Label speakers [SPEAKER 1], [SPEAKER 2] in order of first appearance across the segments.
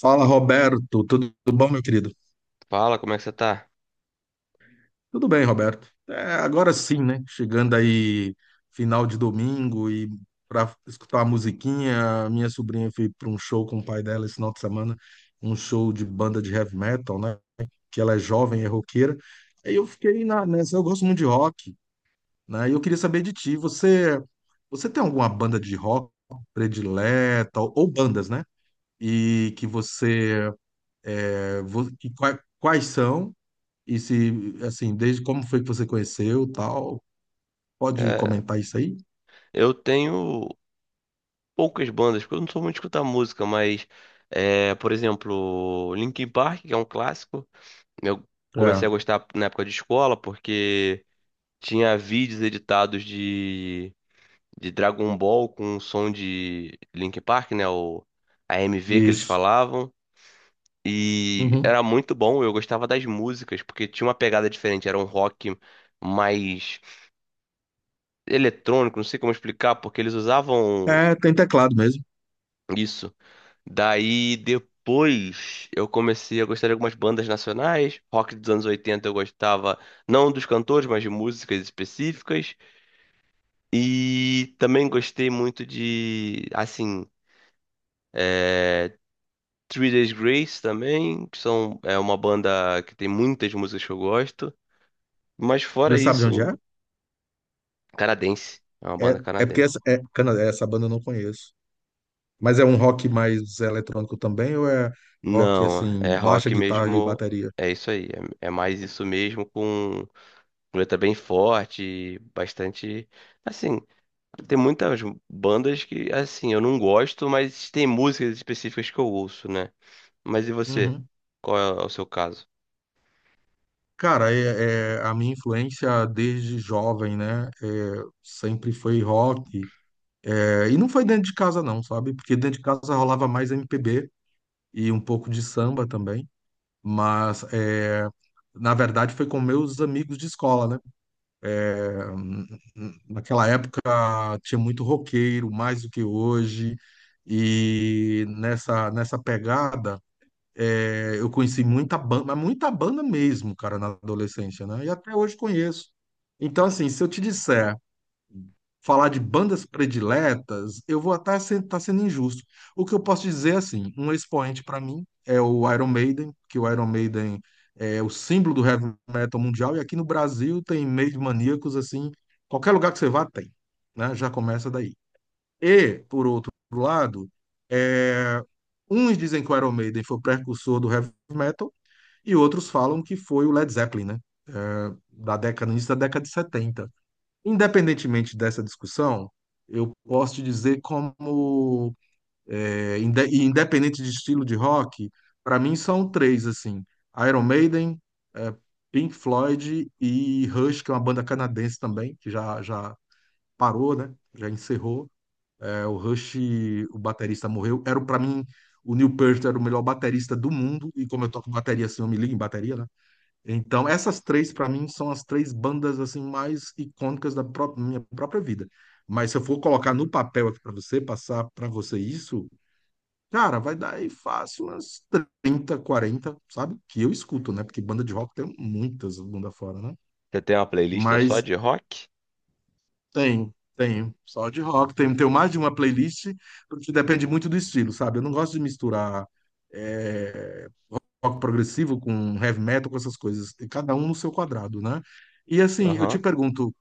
[SPEAKER 1] Fala, Roberto. Tudo bom, meu querido?
[SPEAKER 2] Fala, como é que você tá?
[SPEAKER 1] Tudo bem, Roberto. É, agora sim, né? Chegando aí final de domingo e para escutar a musiquinha, a minha sobrinha foi para um show com o pai dela esse final de semana, um show de banda de heavy metal, né? Que ela é jovem, é roqueira. Aí eu fiquei eu gosto muito de rock, né? E eu queria saber de ti, você tem alguma banda de rock predileta ou bandas, né? E que você quais são? E se, assim, desde como foi que você conheceu, tal, pode
[SPEAKER 2] É,
[SPEAKER 1] comentar isso aí?
[SPEAKER 2] eu tenho poucas bandas, porque eu não sou muito de escutar música, mas, por exemplo, Linkin Park, que é um clássico, eu comecei
[SPEAKER 1] É,
[SPEAKER 2] a gostar na época de escola, porque tinha vídeos editados de Dragon Ball com o som de Linkin Park, né? O a AMV que eles
[SPEAKER 1] isso.
[SPEAKER 2] falavam. E
[SPEAKER 1] Uhum.
[SPEAKER 2] era muito bom, eu gostava das músicas, porque tinha uma pegada diferente, era um rock mais eletrônico, não sei como explicar, porque eles usavam.
[SPEAKER 1] É, tem teclado mesmo.
[SPEAKER 2] Isso. Daí depois eu comecei a gostar de algumas bandas nacionais. Rock dos anos 80 eu gostava, não dos cantores, mas de músicas específicas. E também gostei muito de, assim, é, Three Days Grace também, é uma banda que tem muitas músicas que eu gosto. Mas
[SPEAKER 1] Você
[SPEAKER 2] fora
[SPEAKER 1] sabe de onde é?
[SPEAKER 2] isso, canadense. É uma
[SPEAKER 1] É,
[SPEAKER 2] banda
[SPEAKER 1] é porque
[SPEAKER 2] canadense.
[SPEAKER 1] essa, é, cana- é, essa banda eu não conheço. Mas é um rock mais eletrônico também, ou é rock,
[SPEAKER 2] Não,
[SPEAKER 1] assim,
[SPEAKER 2] é
[SPEAKER 1] baixa
[SPEAKER 2] rock
[SPEAKER 1] guitarra e
[SPEAKER 2] mesmo.
[SPEAKER 1] bateria?
[SPEAKER 2] É isso aí. É, é mais isso mesmo com. Muleta bem forte, bastante. Assim, tem muitas bandas que, assim, eu não gosto, mas tem músicas específicas que eu ouço, né? Mas e você?
[SPEAKER 1] Uhum.
[SPEAKER 2] Qual é o seu caso?
[SPEAKER 1] Cara, a minha influência desde jovem, né? É, sempre foi rock. É, e não foi dentro de casa, não, sabe? Porque dentro de casa rolava mais MPB e um pouco de samba também. Mas, é, na verdade, foi com meus amigos de escola, né? É, naquela época tinha muito roqueiro, mais do que hoje, e nessa pegada é, eu conheci muita banda, mas muita banda mesmo, cara, na adolescência, né? E até hoje conheço. Então, assim, se eu te disser falar de bandas prediletas, eu vou até estar sendo injusto. O que eu posso dizer, é assim, um expoente para mim é o Iron Maiden, que o Iron Maiden é o símbolo do heavy metal mundial, e aqui no Brasil tem meio de maníacos, assim, qualquer lugar que você vá tem, né? Já começa daí. E, por outro lado, é, uns dizem que o Iron Maiden foi o precursor do heavy metal, e outros falam que foi o Led Zeppelin, né? Início da década de 70. Independentemente dessa discussão, eu posso te dizer como, independente de estilo de rock, para mim são três, assim, Iron Maiden, é, Pink Floyd e Rush, que é uma banda canadense também, que já parou, né? Já encerrou. É, o Rush, o baterista morreu. Era, para mim, o Neil Peart era o melhor baterista do mundo, e como eu toco bateria, assim, eu me ligo em bateria, né? Então, essas três, para mim, são as três bandas assim mais icônicas da minha própria vida. Mas se eu for colocar no papel aqui para você, passar para você isso, cara, vai dar aí fácil umas 30 40, sabe? Que eu escuto, né? Porque banda de rock tem muitas bunda fora, né?
[SPEAKER 2] Você tem uma playlist só
[SPEAKER 1] Mas
[SPEAKER 2] de rock?
[SPEAKER 1] tem, tem. Só de rock, tem, tem mais de uma playlist, porque depende muito do estilo, sabe? Eu não gosto de misturar. eh, Rock progressivo, com heavy metal, com essas coisas, e cada um no seu quadrado, né? E assim, eu te
[SPEAKER 2] Aham.
[SPEAKER 1] pergunto,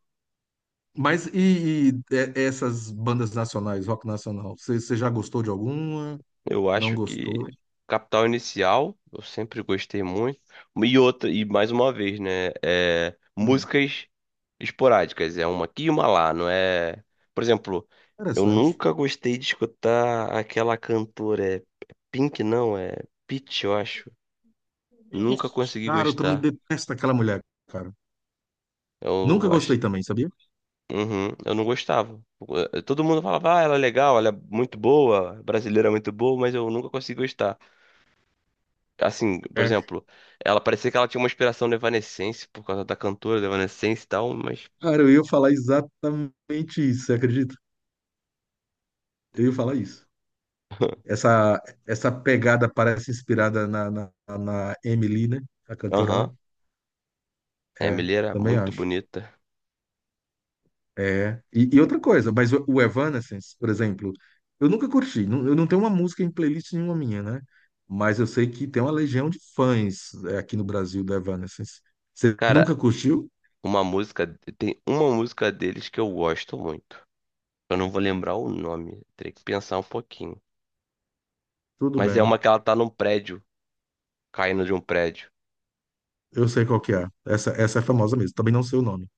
[SPEAKER 1] essas bandas nacionais, rock nacional, você já gostou de alguma?
[SPEAKER 2] Eu
[SPEAKER 1] Não
[SPEAKER 2] acho que
[SPEAKER 1] gostou?
[SPEAKER 2] Capital Inicial, eu sempre gostei muito. E outra, e mais uma vez, né? É,
[SPEAKER 1] Hum,
[SPEAKER 2] músicas esporádicas, é uma aqui e uma lá, não é? Por exemplo, eu
[SPEAKER 1] interessante.
[SPEAKER 2] nunca gostei de escutar aquela cantora, é Pink, não, é Pitty, eu acho. Nunca consegui
[SPEAKER 1] Cara, eu também
[SPEAKER 2] gostar.
[SPEAKER 1] detesto aquela mulher, cara. Nunca
[SPEAKER 2] Eu acho,
[SPEAKER 1] gostei também, sabia?
[SPEAKER 2] uhum, eu não gostava. Eh, todo mundo falava, ah, ela é legal, ela é muito boa, brasileira é muito boa, mas eu nunca consegui gostar. Assim, por
[SPEAKER 1] É.
[SPEAKER 2] exemplo, ela parecia que ela tinha uma inspiração no Evanescence por causa da cantora do Evanescence e tal, mas.
[SPEAKER 1] Cara, eu ia falar exatamente isso, você acredita? Eu ia falar isso. Essa pegada parece inspirada na Emily, né? A cantora
[SPEAKER 2] Aham.
[SPEAKER 1] lá.
[SPEAKER 2] A
[SPEAKER 1] É,
[SPEAKER 2] Emily era
[SPEAKER 1] também
[SPEAKER 2] muito
[SPEAKER 1] acho.
[SPEAKER 2] bonita.
[SPEAKER 1] É. E outra coisa, mas o Evanescence, por exemplo, eu nunca curti. Eu não tenho uma música em playlist nenhuma minha, né? Mas eu sei que tem uma legião de fãs é, aqui no Brasil do Evanescence. Você nunca
[SPEAKER 2] Cara,
[SPEAKER 1] curtiu?
[SPEAKER 2] uma música. Tem uma música deles que eu gosto muito. Eu não vou lembrar o nome, teria que pensar um pouquinho.
[SPEAKER 1] Tudo
[SPEAKER 2] Mas é
[SPEAKER 1] bem.
[SPEAKER 2] uma que ela tá num prédio, caindo de um prédio.
[SPEAKER 1] Eu sei qual que é. Essa é famosa mesmo. Também não sei o nome.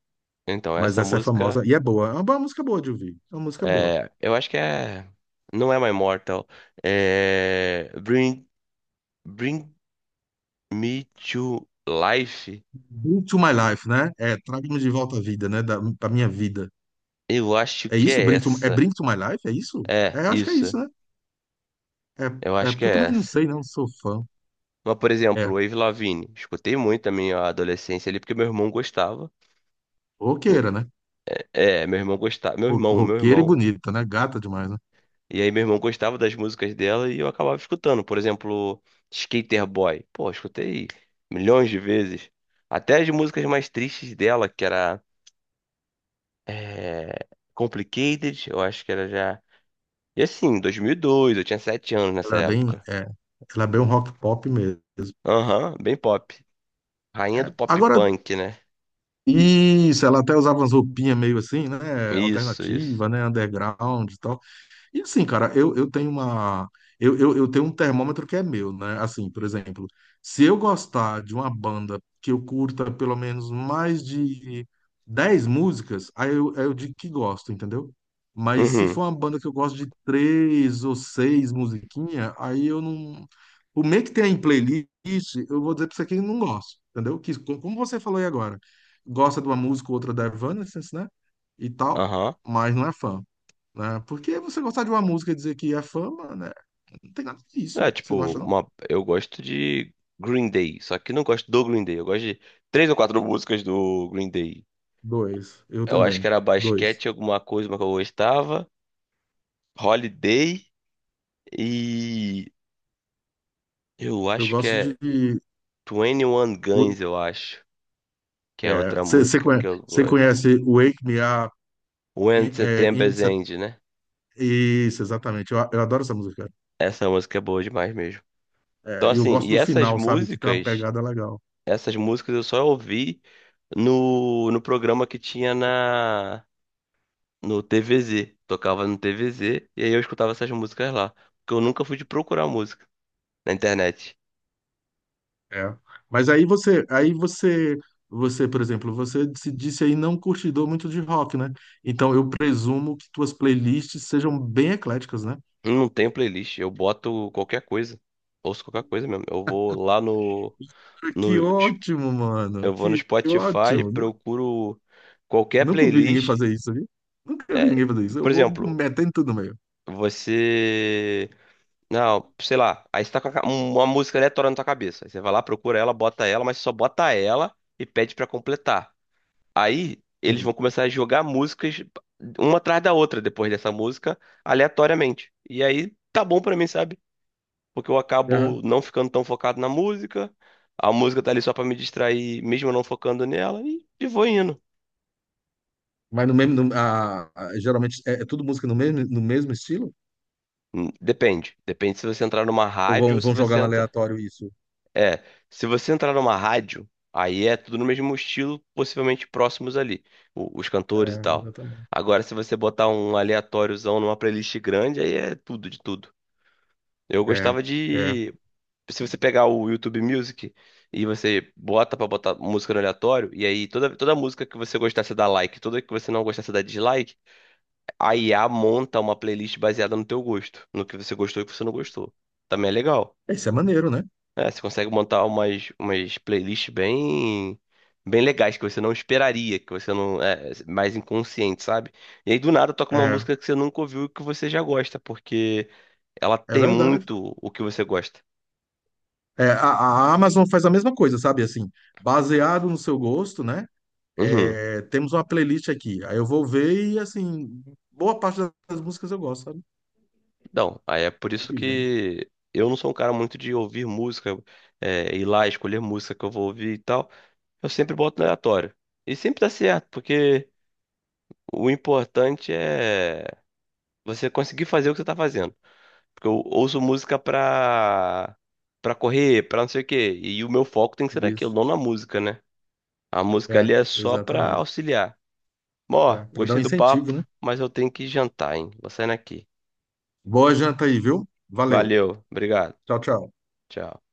[SPEAKER 2] Então,
[SPEAKER 1] Mas
[SPEAKER 2] essa
[SPEAKER 1] essa é famosa
[SPEAKER 2] música.
[SPEAKER 1] e é boa. Boa música boa de ouvir. É uma música boa.
[SPEAKER 2] É, eu acho que é. Não é My Mortal. É. Bring Me to Life.
[SPEAKER 1] Bring to My Life, né? É, traga-me de volta à vida, né? Da minha vida.
[SPEAKER 2] Eu acho
[SPEAKER 1] É
[SPEAKER 2] que
[SPEAKER 1] isso?
[SPEAKER 2] é essa.
[SPEAKER 1] Bring to My Life? É isso?
[SPEAKER 2] É,
[SPEAKER 1] É, eu acho que é
[SPEAKER 2] isso.
[SPEAKER 1] isso, né? É,
[SPEAKER 2] Eu
[SPEAKER 1] é
[SPEAKER 2] acho que
[SPEAKER 1] porque eu
[SPEAKER 2] é
[SPEAKER 1] também não
[SPEAKER 2] essa.
[SPEAKER 1] sei, não sou fã.
[SPEAKER 2] Mas, por exemplo,
[SPEAKER 1] É,
[SPEAKER 2] Avril Lavigne. Escutei muito na minha adolescência ali, porque meu irmão gostava.
[SPEAKER 1] roqueira, né?
[SPEAKER 2] É, meu irmão gostava. Meu
[SPEAKER 1] Roqueira e
[SPEAKER 2] irmão.
[SPEAKER 1] bonita, né? Gata demais, né?
[SPEAKER 2] E aí, meu irmão gostava das músicas dela e eu acabava escutando. Por exemplo, Skater Boy. Pô, escutei milhões de vezes. Até as músicas mais tristes dela, que era é, Complicated, eu acho que era já. E assim, 2002, eu tinha 7 anos
[SPEAKER 1] Ela
[SPEAKER 2] nessa
[SPEAKER 1] era bem,
[SPEAKER 2] época.
[SPEAKER 1] é, Ela é bem um rock pop mesmo.
[SPEAKER 2] Aham, bem pop. Rainha
[SPEAKER 1] É,
[SPEAKER 2] do pop
[SPEAKER 1] agora,
[SPEAKER 2] punk, né?
[SPEAKER 1] isso, ela até usava umas roupinhas meio assim, né?
[SPEAKER 2] Isso, isso.
[SPEAKER 1] Alternativa, né? Underground e tal. E assim, cara, eu tenho uma. Eu tenho um termômetro que é meu, né? Assim, por exemplo, se eu gostar de uma banda que eu curta pelo menos mais de 10 músicas, aí eu digo que gosto, entendeu? Mas se
[SPEAKER 2] Uhum.
[SPEAKER 1] for uma banda que eu gosto de três ou seis musiquinhas, aí eu não. O meio que tem em playlist, eu vou dizer pra você que eu não gosto, entendeu? Que, como você falou aí agora, gosta de uma música ou outra da Evanescence, né? E tal,
[SPEAKER 2] Aham.
[SPEAKER 1] mas não é fã, né? Porque você gostar de uma música e dizer que é fama, né? Não tem nada
[SPEAKER 2] É,
[SPEAKER 1] disso. Você não
[SPEAKER 2] tipo,
[SPEAKER 1] acha, não?
[SPEAKER 2] uma... eu gosto de Green Day, só que não gosto do Green Day. Eu gosto de três ou quatro músicas do Green Day.
[SPEAKER 1] Dois. Eu
[SPEAKER 2] Eu acho
[SPEAKER 1] também.
[SPEAKER 2] que era
[SPEAKER 1] Dois.
[SPEAKER 2] basquete, alguma coisa uma que eu gostava. Holiday e eu
[SPEAKER 1] Eu
[SPEAKER 2] acho que
[SPEAKER 1] gosto
[SPEAKER 2] é
[SPEAKER 1] de.
[SPEAKER 2] Twenty One
[SPEAKER 1] o-
[SPEAKER 2] Guns, eu acho, que é
[SPEAKER 1] É,
[SPEAKER 2] outra música que eu
[SPEAKER 1] você
[SPEAKER 2] gosto.
[SPEAKER 1] conhece Wake Me Up
[SPEAKER 2] When
[SPEAKER 1] in, é, in
[SPEAKER 2] September's
[SPEAKER 1] Sep-
[SPEAKER 2] End, né?
[SPEAKER 1] isso, exatamente. Eu adoro essa música.
[SPEAKER 2] Essa música é boa demais mesmo. Então
[SPEAKER 1] É, e eu
[SPEAKER 2] assim,
[SPEAKER 1] gosto do final, sabe? Que tem uma pegada legal.
[SPEAKER 2] essas músicas eu só ouvi no programa que tinha na no TVZ. Tocava no TVZ e aí eu escutava essas músicas lá. Porque eu nunca fui de procurar música na internet.
[SPEAKER 1] É. Mas aí você, aí você, você, por exemplo, você se disse aí não curtidor muito de rock, né? Então eu presumo que tuas playlists sejam bem ecléticas, né?
[SPEAKER 2] Não tem playlist, eu boto qualquer coisa. Ouço qualquer coisa mesmo. Eu vou lá no,
[SPEAKER 1] Que
[SPEAKER 2] no
[SPEAKER 1] ótimo, mano.
[SPEAKER 2] eu vou no
[SPEAKER 1] Que
[SPEAKER 2] Spotify,
[SPEAKER 1] ótimo.
[SPEAKER 2] procuro qualquer
[SPEAKER 1] Nunca vi ninguém
[SPEAKER 2] playlist.
[SPEAKER 1] fazer isso, viu? Nunca vi
[SPEAKER 2] É,
[SPEAKER 1] ninguém fazer isso. Eu
[SPEAKER 2] por
[SPEAKER 1] vou
[SPEAKER 2] exemplo,
[SPEAKER 1] metendo tudo no meio.
[SPEAKER 2] você não, sei lá, aí você tá com a uma música aleatória na tua cabeça. Aí você vai lá, procura ela, bota ela, mas só bota ela e pede pra completar. Aí eles
[SPEAKER 1] Sim.
[SPEAKER 2] vão começar a jogar músicas uma atrás da outra depois dessa música, aleatoriamente. E aí tá bom pra mim, sabe? Porque eu acabo
[SPEAKER 1] Aham.
[SPEAKER 2] não ficando tão focado na música, a música tá ali só pra me distrair, mesmo eu não focando nela, e vou indo.
[SPEAKER 1] Mas no mesmo, no- a- Geralmente é, é tudo música no mesmo estilo?
[SPEAKER 2] Depende. Depende se você entrar numa
[SPEAKER 1] Ou
[SPEAKER 2] rádio ou se
[SPEAKER 1] vão
[SPEAKER 2] você
[SPEAKER 1] jogando
[SPEAKER 2] entra.
[SPEAKER 1] aleatório isso?
[SPEAKER 2] É, se você entrar numa rádio, aí é tudo no mesmo estilo, possivelmente próximos ali, os cantores e
[SPEAKER 1] É,
[SPEAKER 2] tal.
[SPEAKER 1] exatamente.
[SPEAKER 2] Agora, se você botar um aleatóriozão numa playlist grande, aí é tudo de tudo. Eu
[SPEAKER 1] É,
[SPEAKER 2] gostava
[SPEAKER 1] é.
[SPEAKER 2] de. Se você pegar o YouTube Music e você bota pra botar música no aleatório, e aí toda música que você gostasse dá like, toda que você não gostasse dá dislike, a IA monta uma playlist baseada no teu gosto, no que você gostou e o que você não gostou. Também é legal.
[SPEAKER 1] Isso é maneiro, né?
[SPEAKER 2] É, você consegue montar umas playlists bem, bem legais que você não esperaria, que você não. É, mais inconsciente, sabe? E aí do nada toca uma
[SPEAKER 1] É,
[SPEAKER 2] música que você nunca ouviu e que você já gosta, porque ela
[SPEAKER 1] é
[SPEAKER 2] tem
[SPEAKER 1] verdade.
[SPEAKER 2] muito o que você gosta.
[SPEAKER 1] É, a, a Amazon faz a mesma coisa, sabe? Assim, baseado no seu gosto, né?
[SPEAKER 2] Uhum.
[SPEAKER 1] É, temos uma playlist aqui. Aí eu vou ver e, assim, boa parte das músicas eu gosto,
[SPEAKER 2] Não, aí é por isso
[SPEAKER 1] sabe?
[SPEAKER 2] que eu não sou um cara muito de ouvir música, é, ir lá escolher música que eu vou ouvir e tal. Eu sempre boto no aleatório. E sempre dá certo, porque o importante é você conseguir fazer o que você tá fazendo. Porque eu ouço música pra correr, pra não sei o quê. E o meu foco tem que ser naquilo,
[SPEAKER 1] Isso.
[SPEAKER 2] não na música, né? A música ali
[SPEAKER 1] É,
[SPEAKER 2] é só pra
[SPEAKER 1] exatamente.
[SPEAKER 2] auxiliar. Bom, ó,
[SPEAKER 1] É, para dar um
[SPEAKER 2] gostei do
[SPEAKER 1] incentivo,
[SPEAKER 2] papo,
[SPEAKER 1] né?
[SPEAKER 2] mas eu tenho que jantar, hein? Vou saindo aqui.
[SPEAKER 1] Boa janta aí, viu? Valeu.
[SPEAKER 2] Valeu, obrigado.
[SPEAKER 1] Tchau, tchau.
[SPEAKER 2] Tchau.